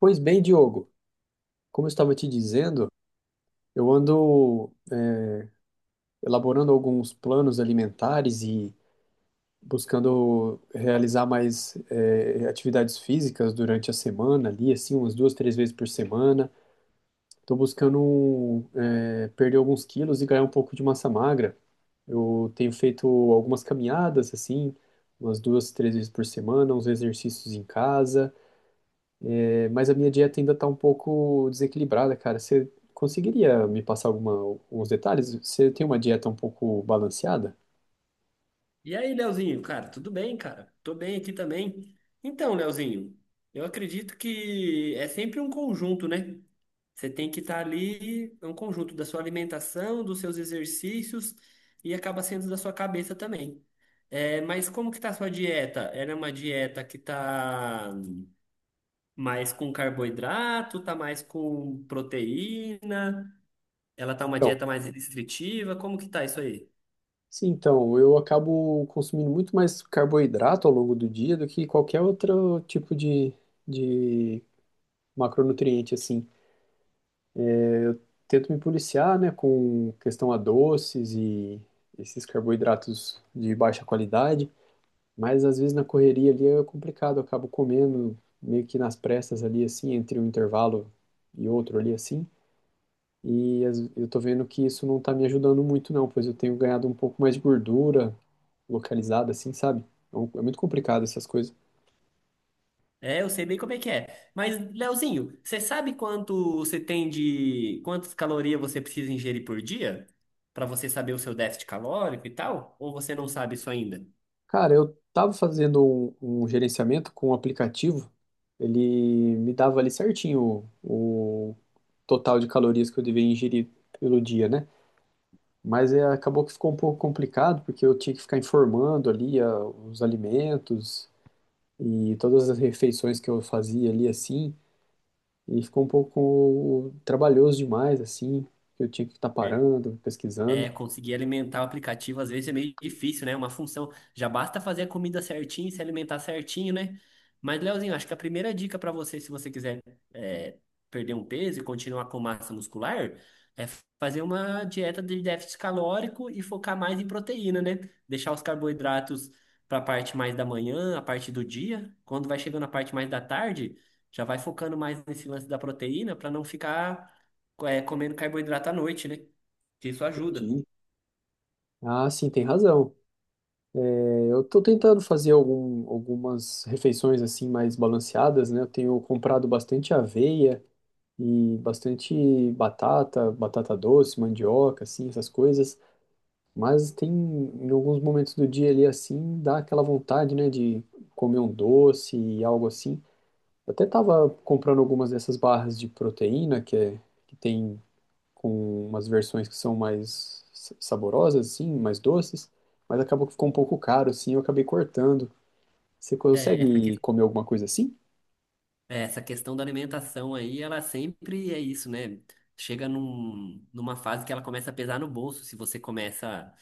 Pois bem, Diogo, como eu estava te dizendo, eu ando elaborando alguns planos alimentares e buscando realizar mais atividades físicas durante a semana, ali, assim, umas duas, três vezes por semana. Estou buscando perder alguns quilos e ganhar um pouco de massa magra. Eu tenho feito algumas caminhadas, assim, umas duas, três vezes por semana, uns exercícios em casa. Mas a minha dieta ainda tá um pouco desequilibrada, cara. Você conseguiria me passar alguns detalhes? Você tem uma dieta um pouco balanceada? E aí, Leozinho, cara, tudo bem, cara? Tô bem aqui também. Então, Leozinho, eu acredito que é sempre um conjunto, né? Você tem que estar ali, é um conjunto da sua alimentação, dos seus exercícios e acaba sendo da sua cabeça também. É, mas como que tá a sua dieta? Ela é uma dieta que tá mais com carboidrato, tá mais com proteína? Ela tá uma Então, dieta mais restritiva? Como que tá isso aí? sim, então, eu acabo consumindo muito mais carboidrato ao longo do dia do que qualquer outro tipo de macronutriente, assim. Tento me policiar, né, com questão a doces e esses carboidratos de baixa qualidade. Mas às vezes na correria ali é complicado, eu acabo comendo meio que nas pressas ali, assim, entre um intervalo e outro ali, assim. E eu tô vendo que isso não tá me ajudando muito, não, pois eu tenho ganhado um pouco mais de gordura localizada, assim, sabe? Então, é muito complicado essas coisas. É, eu sei bem como é que é. Mas, Leozinho, você sabe quanto você tem de quantas calorias você precisa ingerir por dia para você saber o seu déficit calórico e tal? Ou você não sabe isso ainda? Cara, eu tava fazendo um gerenciamento com um aplicativo, ele me dava ali certinho o total de calorias que eu devia ingerir pelo dia, né? Mas acabou que ficou um pouco complicado, porque eu tinha que ficar informando ali os alimentos e todas as refeições que eu fazia ali assim, e ficou um pouco trabalhoso demais, assim, que eu tinha que estar parando, É, pesquisando. conseguir alimentar o aplicativo às vezes é meio difícil, né? Uma função. Já basta fazer a comida certinho, se alimentar certinho, né? Mas, Leozinho, acho que a primeira dica para você, se você quiser é, perder um peso e continuar com massa muscular, é fazer uma dieta de déficit calórico e focar mais em proteína, né? Deixar os carboidratos para a parte mais da manhã, a parte do dia. Quando vai chegando a parte mais da tarde, já vai focando mais nesse lance da proteína para não ficar é, comendo carboidrato à noite, né? Que isso ajuda. Entendi. Ah, sim, tem razão. É, eu estou tentando fazer algumas refeições assim mais balanceadas, né? Eu tenho comprado bastante aveia e bastante batata, batata doce, mandioca, assim, essas coisas. Mas tem, em alguns momentos do dia ali assim, dá aquela vontade, né, de comer um doce e algo assim. Eu até tava comprando algumas dessas barras de proteína que tem com umas versões que são mais saborosas, assim, mais doces, mas acabou que ficou um pouco caro, assim, eu acabei cortando. Você É, essa, que- consegue comer alguma coisa assim? é, essa questão da alimentação aí, ela sempre é isso, né? Chega numa fase que ela começa a pesar no bolso. Se você começa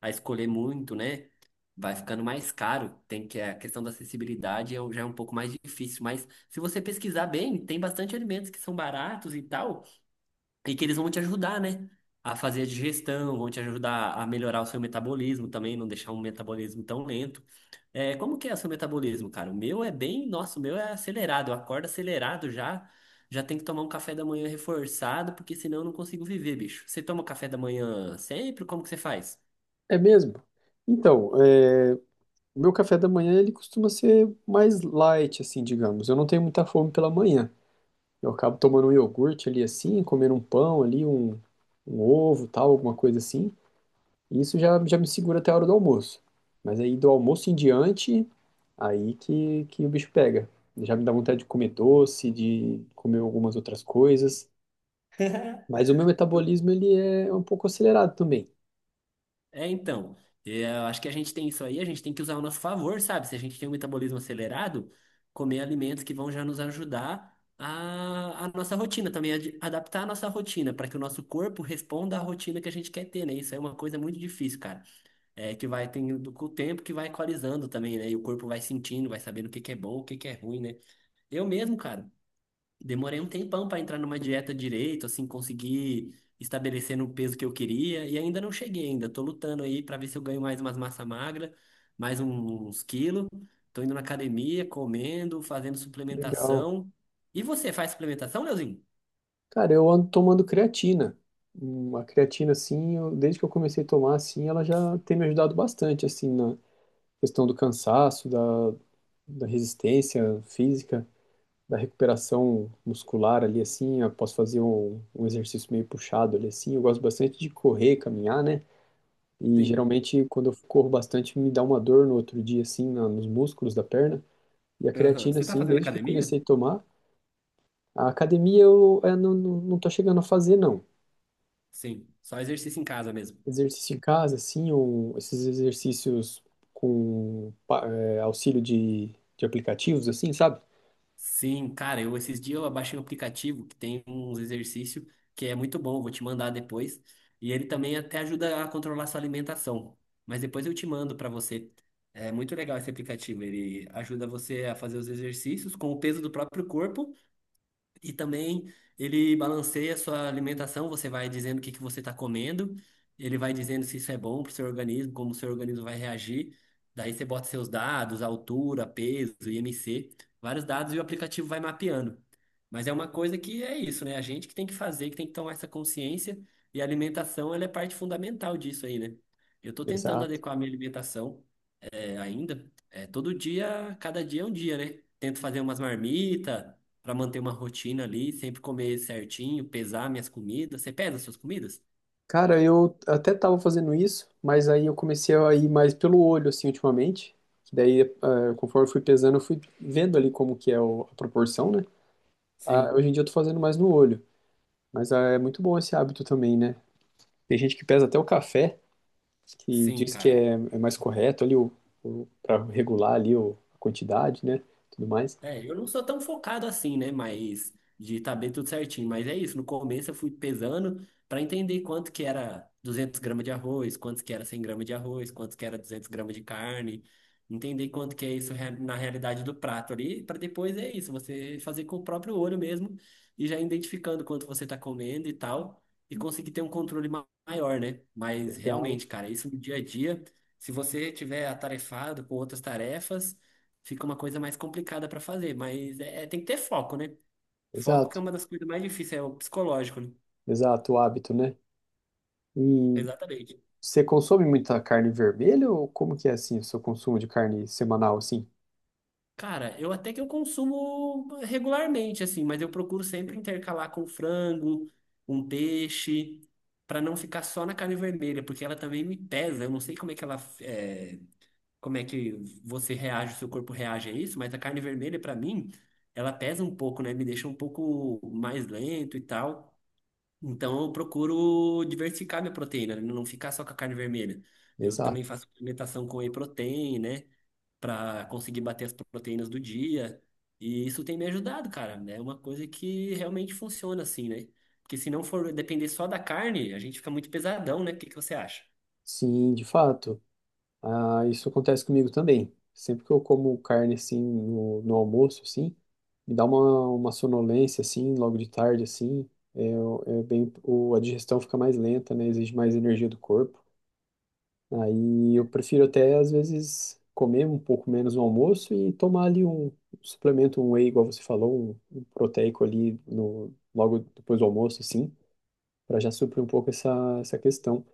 a escolher muito, né? Vai ficando mais caro. Tem que a questão da acessibilidade já é um pouco mais difícil. Mas se você pesquisar bem, tem bastante alimentos que são baratos e tal, e que eles vão te ajudar, né? A fazer a digestão, vão te ajudar a melhorar o seu metabolismo também, não deixar um metabolismo tão lento. É, como que é o seu metabolismo, cara? O meu é bem, nossa, o meu é acelerado, eu acordo acelerado já, já tem que tomar um café da manhã reforçado, porque senão eu não consigo viver, bicho. Você toma café da manhã sempre? Como que você faz? É mesmo? Então, o meu café da manhã ele costuma ser mais light, assim, digamos. Eu não tenho muita fome pela manhã. Eu acabo tomando um iogurte ali assim, comendo um pão ali, um ovo, tal, alguma coisa assim. E isso já, já me segura até a hora do almoço. Mas aí do almoço em diante, aí que o bicho pega. Já me dá vontade de comer doce, de comer algumas outras coisas. Mas o meu Eu- metabolismo, ele é um pouco acelerado também. É, então, eu acho que a gente tem isso aí, a gente tem que usar ao nosso favor, sabe? Se a gente tem um metabolismo acelerado, comer alimentos que vão já nos ajudar a nossa rotina também, a adaptar a nossa rotina, para que o nosso corpo responda à rotina que a gente quer ter, né? Isso é uma coisa muito difícil, cara. É que vai tendo com o tempo que vai equalizando também, né? E o corpo vai sentindo, vai sabendo o que que é bom, o que que é ruim, né? Eu mesmo, cara, demorei um tempão pra entrar numa dieta direito, assim, conseguir estabelecer no peso que eu queria e ainda não cheguei ainda. Tô lutando aí pra ver se eu ganho mais umas massa magra, mais uns quilos. Tô indo na academia, comendo, fazendo Legal. suplementação. E você faz suplementação, Leozinho? Cara, eu ando tomando creatina. Uma creatina, assim, desde que eu comecei a tomar, assim, ela já tem me ajudado bastante, assim, na questão do cansaço, da resistência física, da recuperação muscular ali assim. Eu posso fazer um exercício meio puxado ali assim. Eu gosto bastante de correr, caminhar, né? E Sim. geralmente quando eu corro bastante me dá uma dor no outro dia assim nos músculos da perna. E a Aham. creatina Você tá assim, fazendo desde que eu academia? comecei a tomar, a academia eu, não, não, não tô chegando a fazer não. Sim, só exercício em casa mesmo. Exercício em casa assim, ou esses exercícios com auxílio de aplicativos assim, sabe? Sim, cara, eu esses dias eu baixei um aplicativo que tem uns exercícios que é muito bom, vou te mandar depois. E ele também até ajuda a controlar sua alimentação. Mas depois eu te mando para você. É muito legal esse aplicativo, ele ajuda você a fazer os exercícios com o peso do próprio corpo e também ele balanceia a sua alimentação, você vai dizendo o que que você está comendo, ele vai dizendo se isso é bom para o seu organismo, como o seu organismo vai reagir. Daí você bota seus dados, altura, peso, IMC, vários dados e o aplicativo vai mapeando. Mas é uma coisa que é isso, né? A gente que tem que fazer, que tem que tomar essa consciência, e a alimentação, ela é parte fundamental disso aí, né? Eu estou tentando Essa adequar a minha alimentação é, ainda. É, todo dia, cada dia é um dia, né? Tento fazer umas marmitas para manter uma rotina ali, sempre comer certinho, pesar minhas comidas. Você pesa suas comidas? Cara, eu até tava fazendo isso, mas aí eu comecei a ir mais pelo olho, assim, ultimamente. Que daí, conforme eu fui pesando, eu fui vendo ali como que é a proporção, né? Ah, Sim, hoje em dia eu tô fazendo mais no olho. Mas é muito bom esse hábito também, né? Tem gente que pesa até o café, que sim, diz que cara. é mais correto ali para regular ali a quantidade, né? Tudo mais. É, eu não sou tão focado assim, né? Mas de tá bem tudo certinho. Mas é isso, no começo eu fui pesando para entender quanto que era 200 gramas de arroz, quanto que era 100 gramas de arroz, quanto que era 200 gramas de carne. Entender quanto que é isso na realidade do prato ali, para depois é isso, você fazer com o próprio olho mesmo e já identificando quanto você tá comendo e tal, e conseguir ter um controle maior, né? Mas Legal. realmente, cara, isso no dia a dia, se você tiver atarefado com outras tarefas fica uma coisa mais complicada para fazer, mas tem que ter foco, né? Foco que Exato, é uma das coisas mais difíceis, é o psicológico, né? exato, o hábito, né? E Exatamente. você consome muita carne vermelha ou como que é assim o seu consumo de carne semanal, assim? Cara, eu até que eu consumo regularmente, assim, mas eu procuro sempre intercalar com frango, um peixe, para não ficar só na carne vermelha, porque ela também me pesa. Eu não sei como é que ela, é, como é que você reage, o seu corpo reage a isso, mas a carne vermelha, para mim, ela pesa um pouco, né? Me deixa um pouco mais lento e tal. Então eu procuro diversificar minha proteína, né? Não ficar só com a carne vermelha. Eu Exato. também faço alimentação com whey protein, né? Pra conseguir bater as proteínas do dia. E isso tem me ajudado, cara. É uma coisa que realmente funciona assim, né? Porque se não for depender só da carne, a gente fica muito pesadão, né? O que que você acha? Sim, de fato. Ah, isso acontece comigo também. Sempre que eu como carne assim no almoço, assim, me dá uma sonolência assim, logo de tarde, assim, é, a digestão fica mais lenta, né? Exige mais energia do corpo. Aí eu prefiro até às vezes comer um pouco menos no almoço e tomar ali um suplemento, um whey, igual você falou, um proteico ali no, logo depois do almoço, assim, para já suprir um pouco essa questão.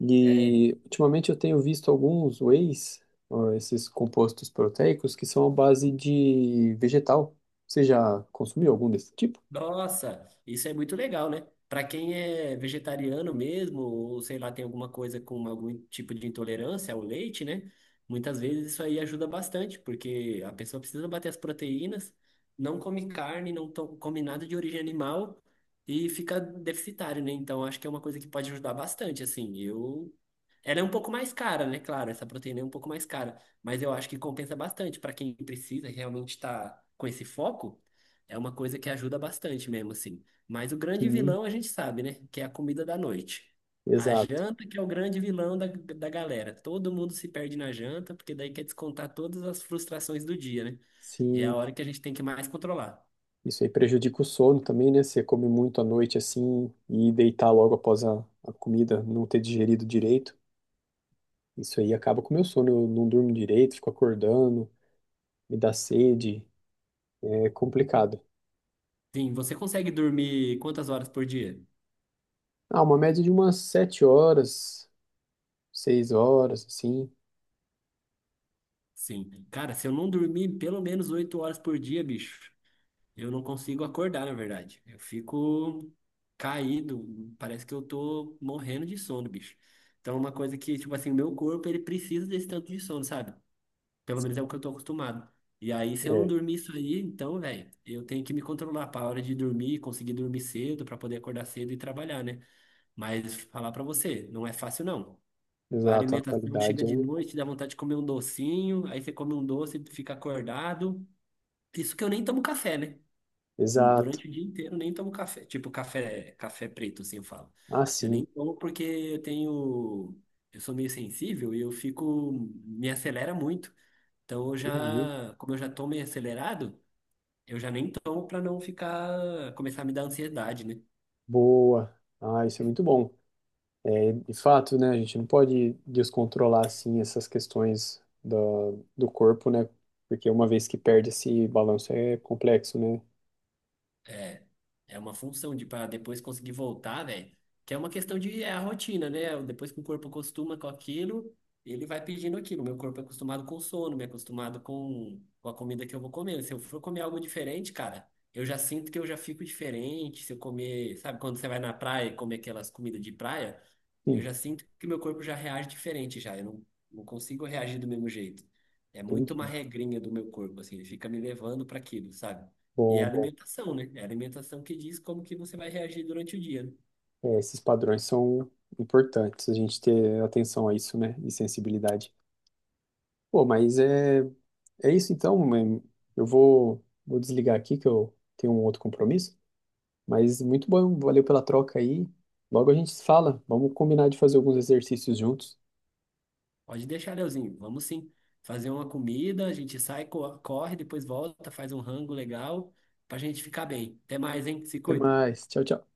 E ultimamente eu tenho visto alguns whey's, ó, esses compostos proteicos, que são à base de vegetal. Você já consumiu algum desse tipo? Nossa, isso é muito legal, né? Para quem é vegetariano mesmo, ou sei lá, tem alguma coisa com algum tipo de intolerância ao leite, né? Muitas vezes isso aí ajuda bastante, porque a pessoa precisa bater as proteínas, não come carne, não come nada de origem animal e fica deficitário, né? Então acho que é uma coisa que pode ajudar bastante, assim. Eu ela é um pouco mais cara, né? Claro, essa proteína é um pouco mais cara, mas eu acho que compensa bastante para quem precisa e realmente estar com esse foco. É uma coisa que ajuda bastante mesmo, assim. Mas o grande Sim, vilão a gente sabe, né? Que é a comida da noite. A exato. janta que é o grande vilão da galera. Todo mundo se perde na janta, porque daí quer descontar todas as frustrações do dia, né? E é a Sim, hora que a gente tem que mais controlar. isso aí prejudica o sono também, né? Você come muito à noite assim e deitar logo após a comida, não ter digerido direito. Isso aí acaba com o meu sono. Eu não durmo direito, fico acordando, me dá sede, é complicado. Sim, você consegue dormir quantas horas por dia? Ah, uma média de umas 7 horas, 6 horas, assim. Sim. Cara, se eu não dormir pelo menos 8 horas por dia, bicho, eu não consigo acordar, na verdade. Eu fico caído, parece que eu tô morrendo de sono, bicho. Então é uma coisa que, tipo assim, o meu corpo, ele precisa desse tanto de sono, sabe? Pelo menos é o que eu tô acostumado. E aí, se eu não dormir isso aí, então, velho, eu tenho que me controlar pra hora de dormir, conseguir dormir cedo, pra poder acordar cedo e trabalhar, né? Mas falar pra você, não é fácil, não. A Exato, a alimentação chega qualidade de é. noite, dá vontade de comer um docinho, aí você come um doce, fica acordado. Isso que eu nem tomo café, né? Exato. Durante o dia inteiro eu nem tomo café. Tipo, café, café preto, assim eu falo. Ah, Eu sim, nem tomo porque eu tenho. Eu sou meio sensível e eu fico. Me acelera muito. Então eu entendi. já. Como eu já tô meio acelerado, eu já nem tomo pra não ficar. Começar a me dar ansiedade, né? Boa. Ah, isso é muito bom. É, de fato, né, a gente não pode descontrolar, assim, essas questões do corpo, né? Porque uma vez que perde esse balanço é complexo, né? É, é uma função de para depois conseguir voltar, velho. Que é uma questão de é a rotina, né? Depois que o corpo acostuma com aquilo, ele vai pedindo aquilo. Meu corpo é acostumado com sono, me é acostumado com a comida que eu vou comer. Se eu for comer algo diferente, cara, eu já sinto que eu já fico diferente. Se eu comer, sabe, quando você vai na praia e comer aquelas comidas de praia, eu Sim, já sinto que meu corpo já reage diferente já. Eu não, não consigo reagir do mesmo jeito. É muito uma entendi. regrinha do meu corpo, assim, ele fica me levando para aquilo, sabe? E é a Bom, bom. alimentação, né? É a alimentação que diz como que você vai reagir durante o dia, né? É, esses padrões são importantes, a gente ter atenção a isso, né? E sensibilidade. Pô, mas é isso então. Eu vou desligar aqui que eu tenho um outro compromisso. Mas muito bom, valeu pela troca aí. Logo a gente se fala. Vamos combinar de fazer alguns exercícios juntos. Pode deixar, Leozinho. Vamos sim. Fazer uma comida, a gente sai, corre, depois volta, faz um rango legal pra gente ficar bem. Até mais, hein? Se Até cuida. mais. Tchau, tchau.